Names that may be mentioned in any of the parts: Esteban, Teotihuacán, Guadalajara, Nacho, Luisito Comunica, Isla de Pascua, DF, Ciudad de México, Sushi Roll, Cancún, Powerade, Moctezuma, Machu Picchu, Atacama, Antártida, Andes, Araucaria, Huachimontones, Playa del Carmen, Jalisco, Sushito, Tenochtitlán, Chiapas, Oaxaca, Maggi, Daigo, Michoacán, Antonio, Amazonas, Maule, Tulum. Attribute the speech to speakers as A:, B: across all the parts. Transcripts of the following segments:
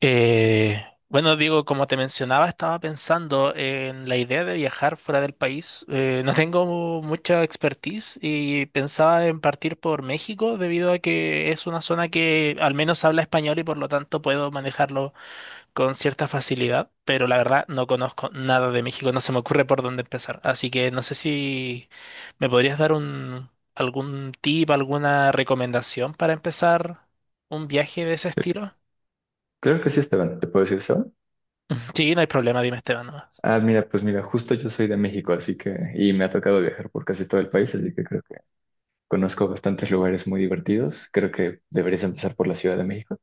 A: Eh, bueno, digo, como te mencionaba, estaba pensando en la idea de viajar fuera del país. No tengo mucha expertise y pensaba en partir por México debido a que es una zona que al menos habla español y por lo tanto puedo manejarlo con cierta facilidad. Pero la verdad no conozco nada de México, no se me ocurre por dónde empezar. Así que no sé si me podrías dar algún tip, alguna recomendación para empezar un viaje de ese estilo.
B: Claro que sí, Esteban. ¿Te puedo decir, Esteban?
A: Sí, no hay problema, dime Esteban nomás.
B: Mira, pues mira, justo yo soy de México, así que, y me ha tocado viajar por casi todo el país, así que creo que conozco bastantes lugares muy divertidos. Creo que deberías empezar por la Ciudad de México.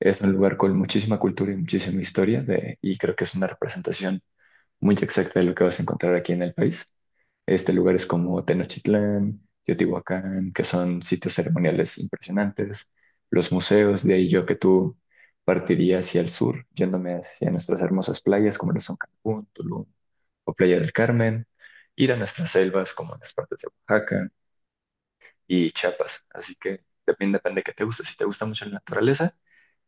B: Es un lugar con muchísima cultura y muchísima historia de, y creo que es una representación muy exacta de lo que vas a encontrar aquí en el país. Lugares como Tenochtitlán, Teotihuacán, que son sitios ceremoniales impresionantes, los museos, de ahí yo que tú partiría hacia el sur, yéndome hacia nuestras hermosas playas como lo son Cancún, Tulum o Playa del Carmen, ir a nuestras selvas como las partes de Oaxaca, y Chiapas. Así que también depende de qué te guste. Si te gusta mucho la naturaleza,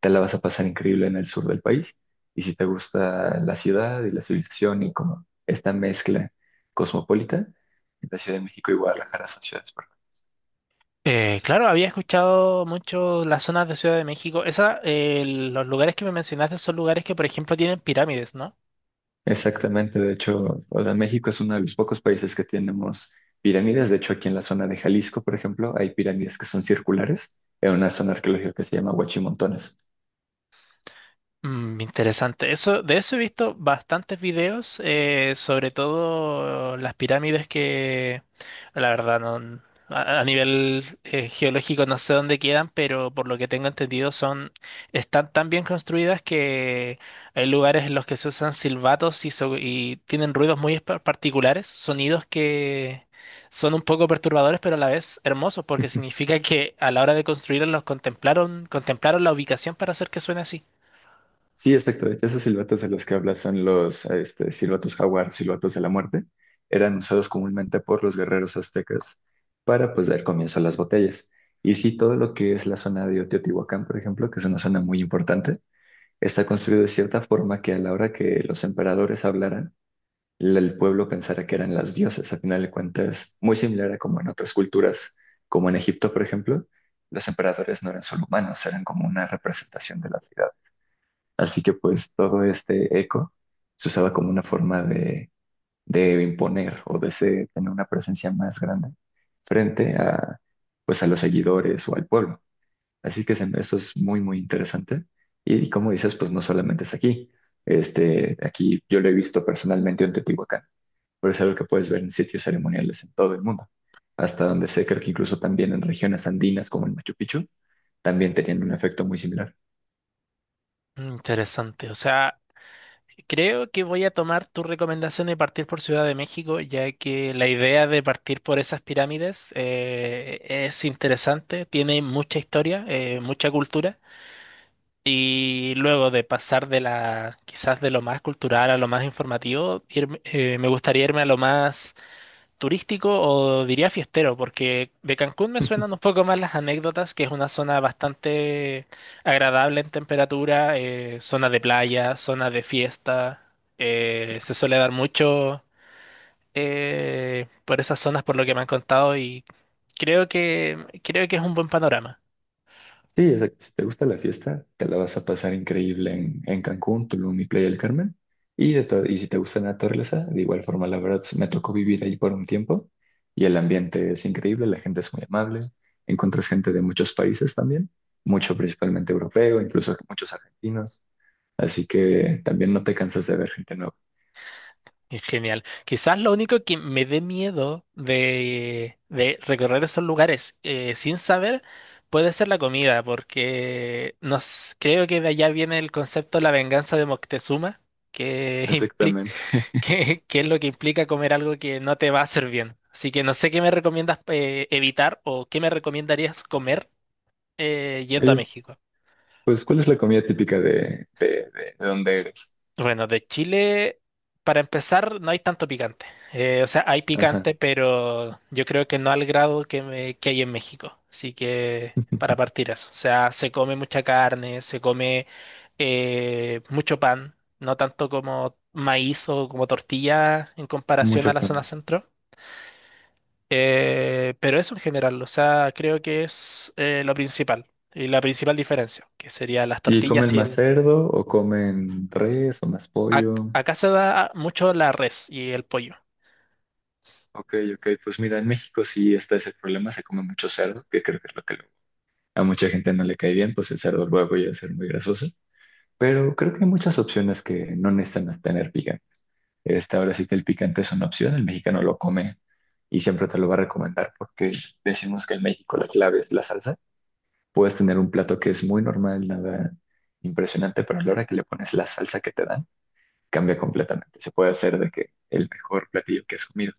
B: te la vas a pasar increíble en el sur del país. Y si te gusta la ciudad y la civilización y como esta mezcla cosmopolita, la Ciudad de México y Guadalajara son ciudades perfectas.
A: Claro, había escuchado mucho las zonas de Ciudad de México. Los lugares que me mencionaste son lugares que, por ejemplo, tienen pirámides, ¿no?
B: Exactamente, de hecho, o sea, México es uno de los pocos países que tenemos pirámides. De hecho, aquí en la zona de Jalisco, por ejemplo, hay pirámides que son circulares en una zona arqueológica que se llama Huachimontones.
A: Interesante. Eso, de eso he visto bastantes videos, sobre todo las pirámides que, la verdad, no, a nivel geológico no sé dónde quedan, pero por lo que tengo entendido son, están tan bien construidas que hay lugares en los que se usan silbatos y, y tienen ruidos muy particulares, sonidos que son un poco perturbadores, pero a la vez hermosos, porque significa que a la hora de construirlos los contemplaron la ubicación para hacer que suene así.
B: Sí, exacto. De hecho, esos silbatos de los que hablas son los silbatos jaguar, silbatos de la muerte. Eran usados comúnmente por los guerreros aztecas para pues dar comienzo a las batallas. Y sí, todo lo que es la zona de Teotihuacán, por ejemplo, que es una zona muy importante, está construido de cierta forma que a la hora que los emperadores hablaran, el pueblo pensara que eran las dioses. A final de cuentas, muy similar a como en otras culturas, como en Egipto, por ejemplo, los emperadores no eran solo humanos, eran como una representación de la ciudad. Así que pues todo este eco se usaba como una forma de imponer o de tener una presencia más grande frente a, pues, a los seguidores o al pueblo. Así que eso es muy, muy interesante. Y como dices, pues no solamente es aquí. Aquí yo lo he visto personalmente en Teotihuacán, pero es algo que puedes ver en sitios ceremoniales en todo el mundo. Hasta donde sé, creo que incluso también en regiones andinas como el Machu Picchu, también tenían un efecto muy similar.
A: Interesante. O sea, creo que voy a tomar tu recomendación de partir por Ciudad de México, ya que la idea de partir por esas pirámides es interesante, tiene mucha historia, mucha cultura, y luego de pasar de la, quizás de lo más cultural a lo más informativo, me gustaría irme a lo más turístico o diría fiestero, porque de Cancún me suenan un poco más las anécdotas, que es una zona bastante agradable en temperatura, zona de playa, zona de fiesta, se suele dar mucho por esas zonas por lo que me han contado y creo que creo que es un buen panorama.
B: Sí, o sea, si te gusta la fiesta, te la vas a pasar increíble en Cancún, Tulum y Playa del Carmen. Y, y si te gusta la naturaleza, de igual forma, la verdad, me tocó vivir ahí por un tiempo y el ambiente es increíble, la gente es muy amable, encuentras gente de muchos países también, mucho principalmente europeo, incluso muchos argentinos, así que también no te cansas de ver gente nueva.
A: Es genial. Quizás lo único que me dé miedo de recorrer esos lugares sin saber puede ser la comida, porque creo que de allá viene el concepto de la venganza de Moctezuma, que, impli-
B: Exactamente.
A: que, que es lo que implica comer algo que no te va a hacer bien. Así que no sé qué me recomiendas evitar o qué me recomendarías comer yendo a
B: Oye,
A: México.
B: pues, ¿cuál es la comida típica de donde eres?
A: Bueno, de Chile, para empezar, no hay tanto picante. O sea, hay
B: Ajá,
A: picante, pero yo creo que no al grado que hay en México. Así que, para partir eso. O sea, se come mucha carne, se come mucho pan, no tanto como maíz o como tortilla en comparación a
B: mucho
A: la zona
B: pan.
A: centro. Pero eso en general, o sea, creo que es lo principal y la principal diferencia, que sería las
B: ¿Y
A: tortillas
B: comen
A: y
B: más
A: el...
B: cerdo o comen res o más pollo?
A: Acá se da mucho la res y el pollo.
B: Ok, ok, pues mira, en México sí está ese problema, se come mucho cerdo, que creo que es lo que luego a mucha gente no le cae bien, pues el cerdo luego llega a ser muy grasoso, pero creo que hay muchas opciones que no necesitan tener picante. Esta ahora sí que el picante es una opción, el mexicano lo come y siempre te lo va a recomendar porque decimos que en México la clave es la salsa. Puedes tener un plato que es muy normal, nada impresionante, pero a la hora que le pones la salsa que te dan, cambia completamente. Se puede hacer de que el mejor platillo que has comido.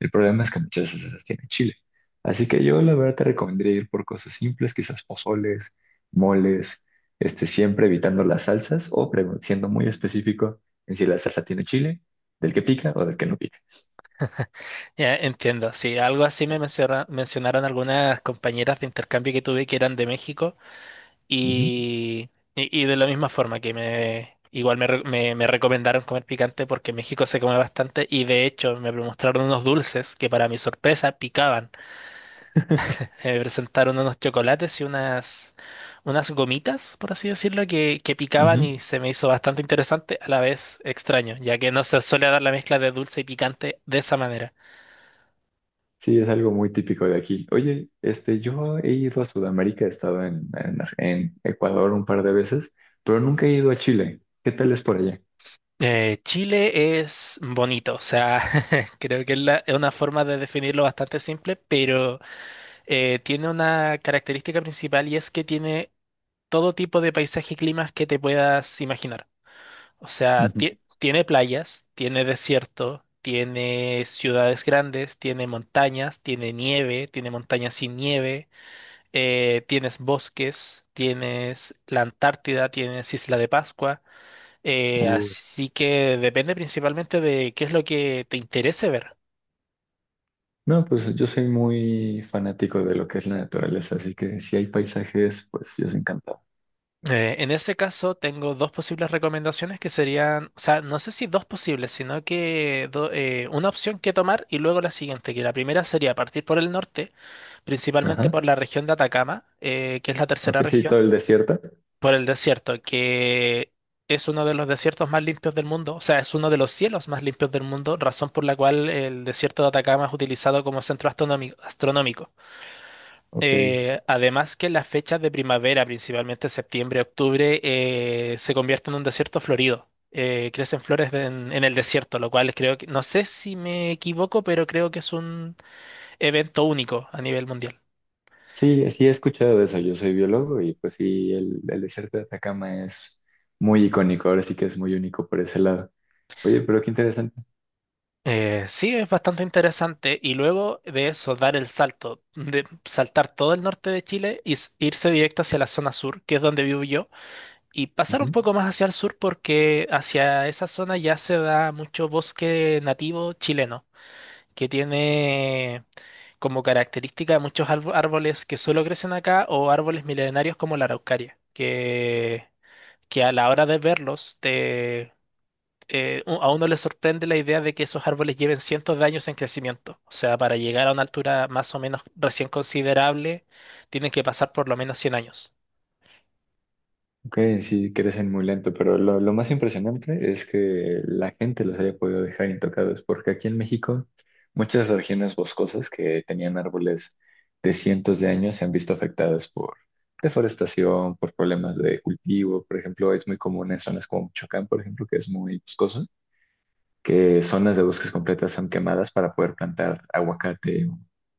B: El problema es que muchas veces esas tienen chile. Así que yo la verdad te recomendaría ir por cosas simples, quizás pozoles, moles, siempre evitando las salsas o siendo muy específico en si la salsa tiene chile, del que pica o del que no pica.
A: Ya, entiendo, sí, algo así me mencionaron algunas compañeras de intercambio que tuve que eran de México
B: Ujú.
A: y, y de la misma forma que me igual me, re- me recomendaron comer picante porque en México se come bastante y de hecho me mostraron unos dulces que para mi sorpresa picaban. Me presentaron unos chocolates y unas gomitas, por así decirlo, que picaban
B: Ujú.
A: y se me hizo bastante interesante, a la vez extraño, ya que no se suele dar la mezcla de dulce y picante de esa manera.
B: Sí, es algo muy típico de aquí. Oye, yo he ido a Sudamérica, he estado en Ecuador un par de veces, pero nunca he ido a Chile. ¿Qué tal es por allá?
A: Chile es bonito, o sea, creo que es una forma de definirlo bastante simple, pero tiene una característica principal y es que tiene todo tipo de paisaje y climas que te puedas imaginar. O sea, tiene playas, tiene desierto, tiene ciudades grandes, tiene montañas, tiene nieve, tiene montañas sin nieve, tienes bosques, tienes la Antártida, tienes Isla de Pascua. Eh,
B: Ujú.
A: así que depende principalmente de qué es lo que te interese ver.
B: No, pues yo soy muy fanático de lo que es la naturaleza, así que si hay paisajes, pues yo soy encantado.
A: En ese caso, tengo dos posibles recomendaciones que serían, o sea, no sé si dos posibles, sino que una opción que tomar y luego la siguiente, que la primera sería partir por el norte, principalmente
B: Ajá.
A: por la región de Atacama, que es la
B: O
A: tercera
B: que sí,
A: región,
B: todo el desierto.
A: por el desierto, que es uno de los desiertos más limpios del mundo, o sea, es uno de los cielos más limpios del mundo, razón por la cual el desierto de Atacama es utilizado como centro astronómico.
B: Ok.
A: Además que las fechas de primavera, principalmente septiembre, octubre, se convierten en un desierto florido. Crecen flores en el desierto, lo cual creo que, no sé si me equivoco, pero creo que es un evento único a nivel mundial.
B: Sí, sí he escuchado de eso. Yo soy biólogo y pues sí, el desierto de Atacama es muy icónico, ahora sí que es muy único por ese lado. Oye, pero qué interesante.
A: Sí, es bastante interesante. Y luego de eso, dar el salto, de saltar todo el norte de Chile y irse directo hacia la zona sur, que es donde vivo yo, y pasar un poco más hacia el sur porque hacia esa zona ya se da mucho bosque nativo chileno, que tiene como característica muchos árboles que solo crecen acá o árboles milenarios como la araucaria, que a la hora de verlos a uno le sorprende la idea de que esos árboles lleven cientos de años en crecimiento. O sea, para llegar a una altura más o menos recién considerable, tienen que pasar por lo menos 100 años.
B: Ok, sí, crecen muy lento, pero lo más impresionante es que la gente los haya podido dejar intocados, porque aquí en México muchas regiones boscosas que tenían árboles de cientos de años se han visto afectadas por deforestación, por problemas de cultivo. Por ejemplo, es muy común en zonas como Michoacán, por ejemplo, que es muy boscoso que zonas de bosques completas son quemadas para poder plantar aguacate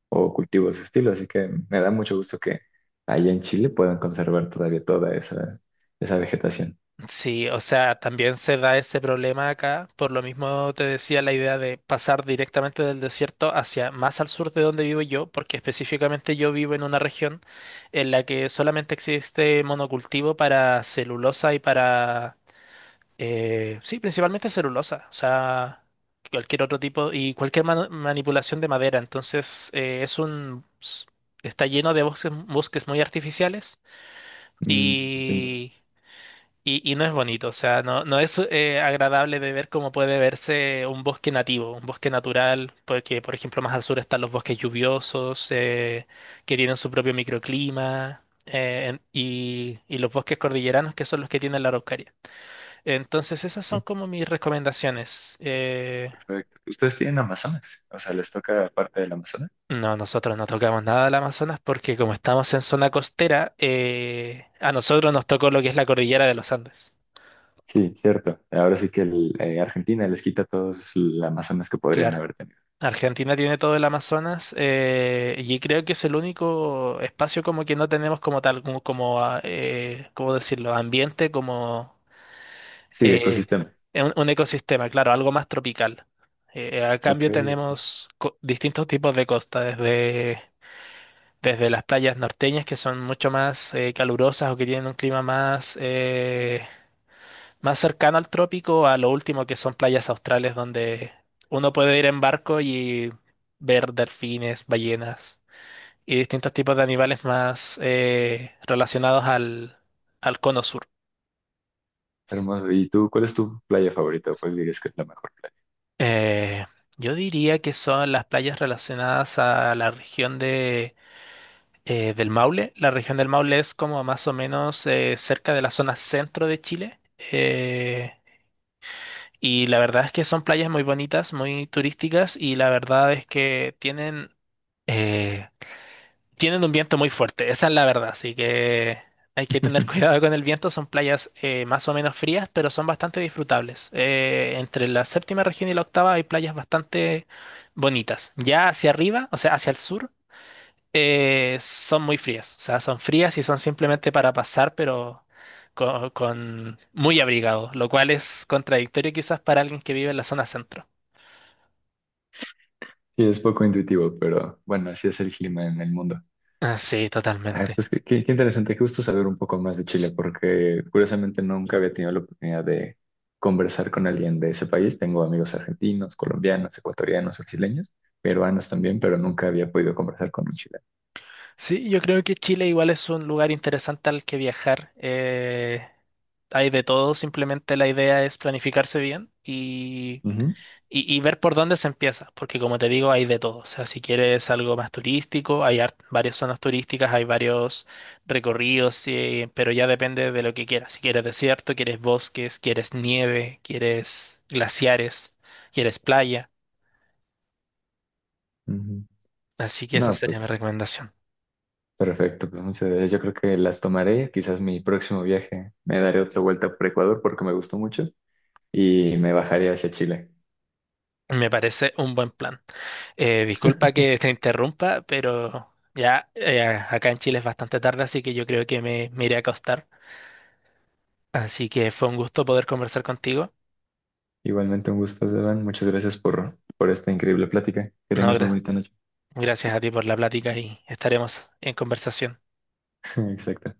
B: o cultivos de estilo. Así que me da mucho gusto que allá en Chile puedan conservar todavía toda esa vegetación.
A: Sí, o sea, también se da ese problema acá. Por lo mismo te decía la idea de pasar directamente del desierto hacia más al sur de donde vivo yo, porque específicamente yo vivo en una región en la que solamente existe monocultivo para celulosa y para... sí, principalmente celulosa, o sea, cualquier otro tipo y cualquier manipulación de madera. Entonces, está lleno de bosques, bosques muy artificiales. Mm.
B: Mm, entiendo.
A: Y no es bonito, o sea, no, no es agradable de ver cómo puede verse un bosque nativo, un bosque natural, porque por ejemplo más al sur están los bosques lluviosos, que tienen su propio microclima, y los bosques cordilleranos, que son los que tienen la Araucaria. Entonces esas
B: Sí,
A: son como mis recomendaciones. Eh,
B: perfecto. ¿Ustedes tienen Amazonas? O sea, ¿les toca parte del Amazonas?
A: no, nosotros no tocamos nada del Amazonas porque como estamos en zona costera, a nosotros nos tocó lo que es la cordillera de los Andes.
B: Sí, cierto. Ahora sí que Argentina les quita todos el Amazonas que podrían
A: Claro.
B: haber tenido.
A: Argentina tiene todo el Amazonas y creo que es el único espacio como que no tenemos como tal, ¿cómo decirlo? Ambiente, como
B: Sí,
A: eh,
B: ecosistema.
A: un ecosistema, claro, algo más tropical. A
B: Ok,
A: cambio
B: ok.
A: tenemos distintos tipos de costa, desde, desde las playas norteñas que son mucho más calurosas o que tienen un clima más cercano al trópico a lo último que son playas australes donde uno puede ir en barco y ver delfines, ballenas y distintos tipos de animales más relacionados al, al cono sur.
B: Hermoso. ¿Y tú, cuál es tu playa favorita? ¿O ¿Cuál dirías que es la mejor playa?
A: Eh, yo diría que son las playas relacionadas a la región del Maule. La región del Maule es como más o menos cerca de la zona centro de Chile. Eh, y la verdad es que son playas muy bonitas, muy turísticas y la verdad es que Eh, tienen un viento muy fuerte, esa es la verdad, así que hay que tener cuidado con el viento. Son playas más o menos frías, pero son bastante disfrutables. Entre la séptima región y la octava hay playas bastante bonitas. Ya hacia arriba, o sea, hacia el sur, son muy frías. O sea, son frías y son simplemente para pasar, pero muy abrigado, lo cual es contradictorio quizás para alguien que vive en la zona centro.
B: Sí, es poco intuitivo, pero bueno, así es el clima en el mundo.
A: Ah, sí,
B: Ay,
A: totalmente.
B: pues qué interesante, qué gusto saber un poco más de Chile, porque curiosamente nunca había tenido la oportunidad de conversar con alguien de ese país. Tengo amigos argentinos, colombianos, ecuatorianos, brasileños, peruanos también, pero nunca había podido conversar con un chileno.
A: Sí, yo creo que Chile igual es un lugar interesante al que viajar. Hay de todo, simplemente la idea es planificarse bien y,
B: Ujú,
A: y- y ver por dónde se empieza, porque como te digo, hay de todo. O sea, si quieres algo más turístico, hay varias zonas turísticas, hay varios recorridos, pero ya depende de lo que quieras. Si quieres desierto, quieres bosques, quieres nieve, quieres glaciares, quieres playa.
B: ujú.
A: Así que esa
B: No,
A: sería mi
B: pues
A: recomendación.
B: perfecto, pues muchas gracias. Yo creo que las tomaré, quizás mi próximo viaje me daré otra vuelta por Ecuador porque me gustó mucho y me bajaré hacia Chile.
A: Me parece un buen plan. Disculpa que te interrumpa, pero ya acá en Chile es bastante tarde, así que yo creo que me iré a acostar. Así que fue un gusto poder conversar contigo.
B: Igualmente un gusto, Esteban. Muchas gracias por esta increíble plática. Que
A: No,
B: tengas muy bonita noche.
A: gracias a ti por la plática y estaremos en conversación.
B: Exacto.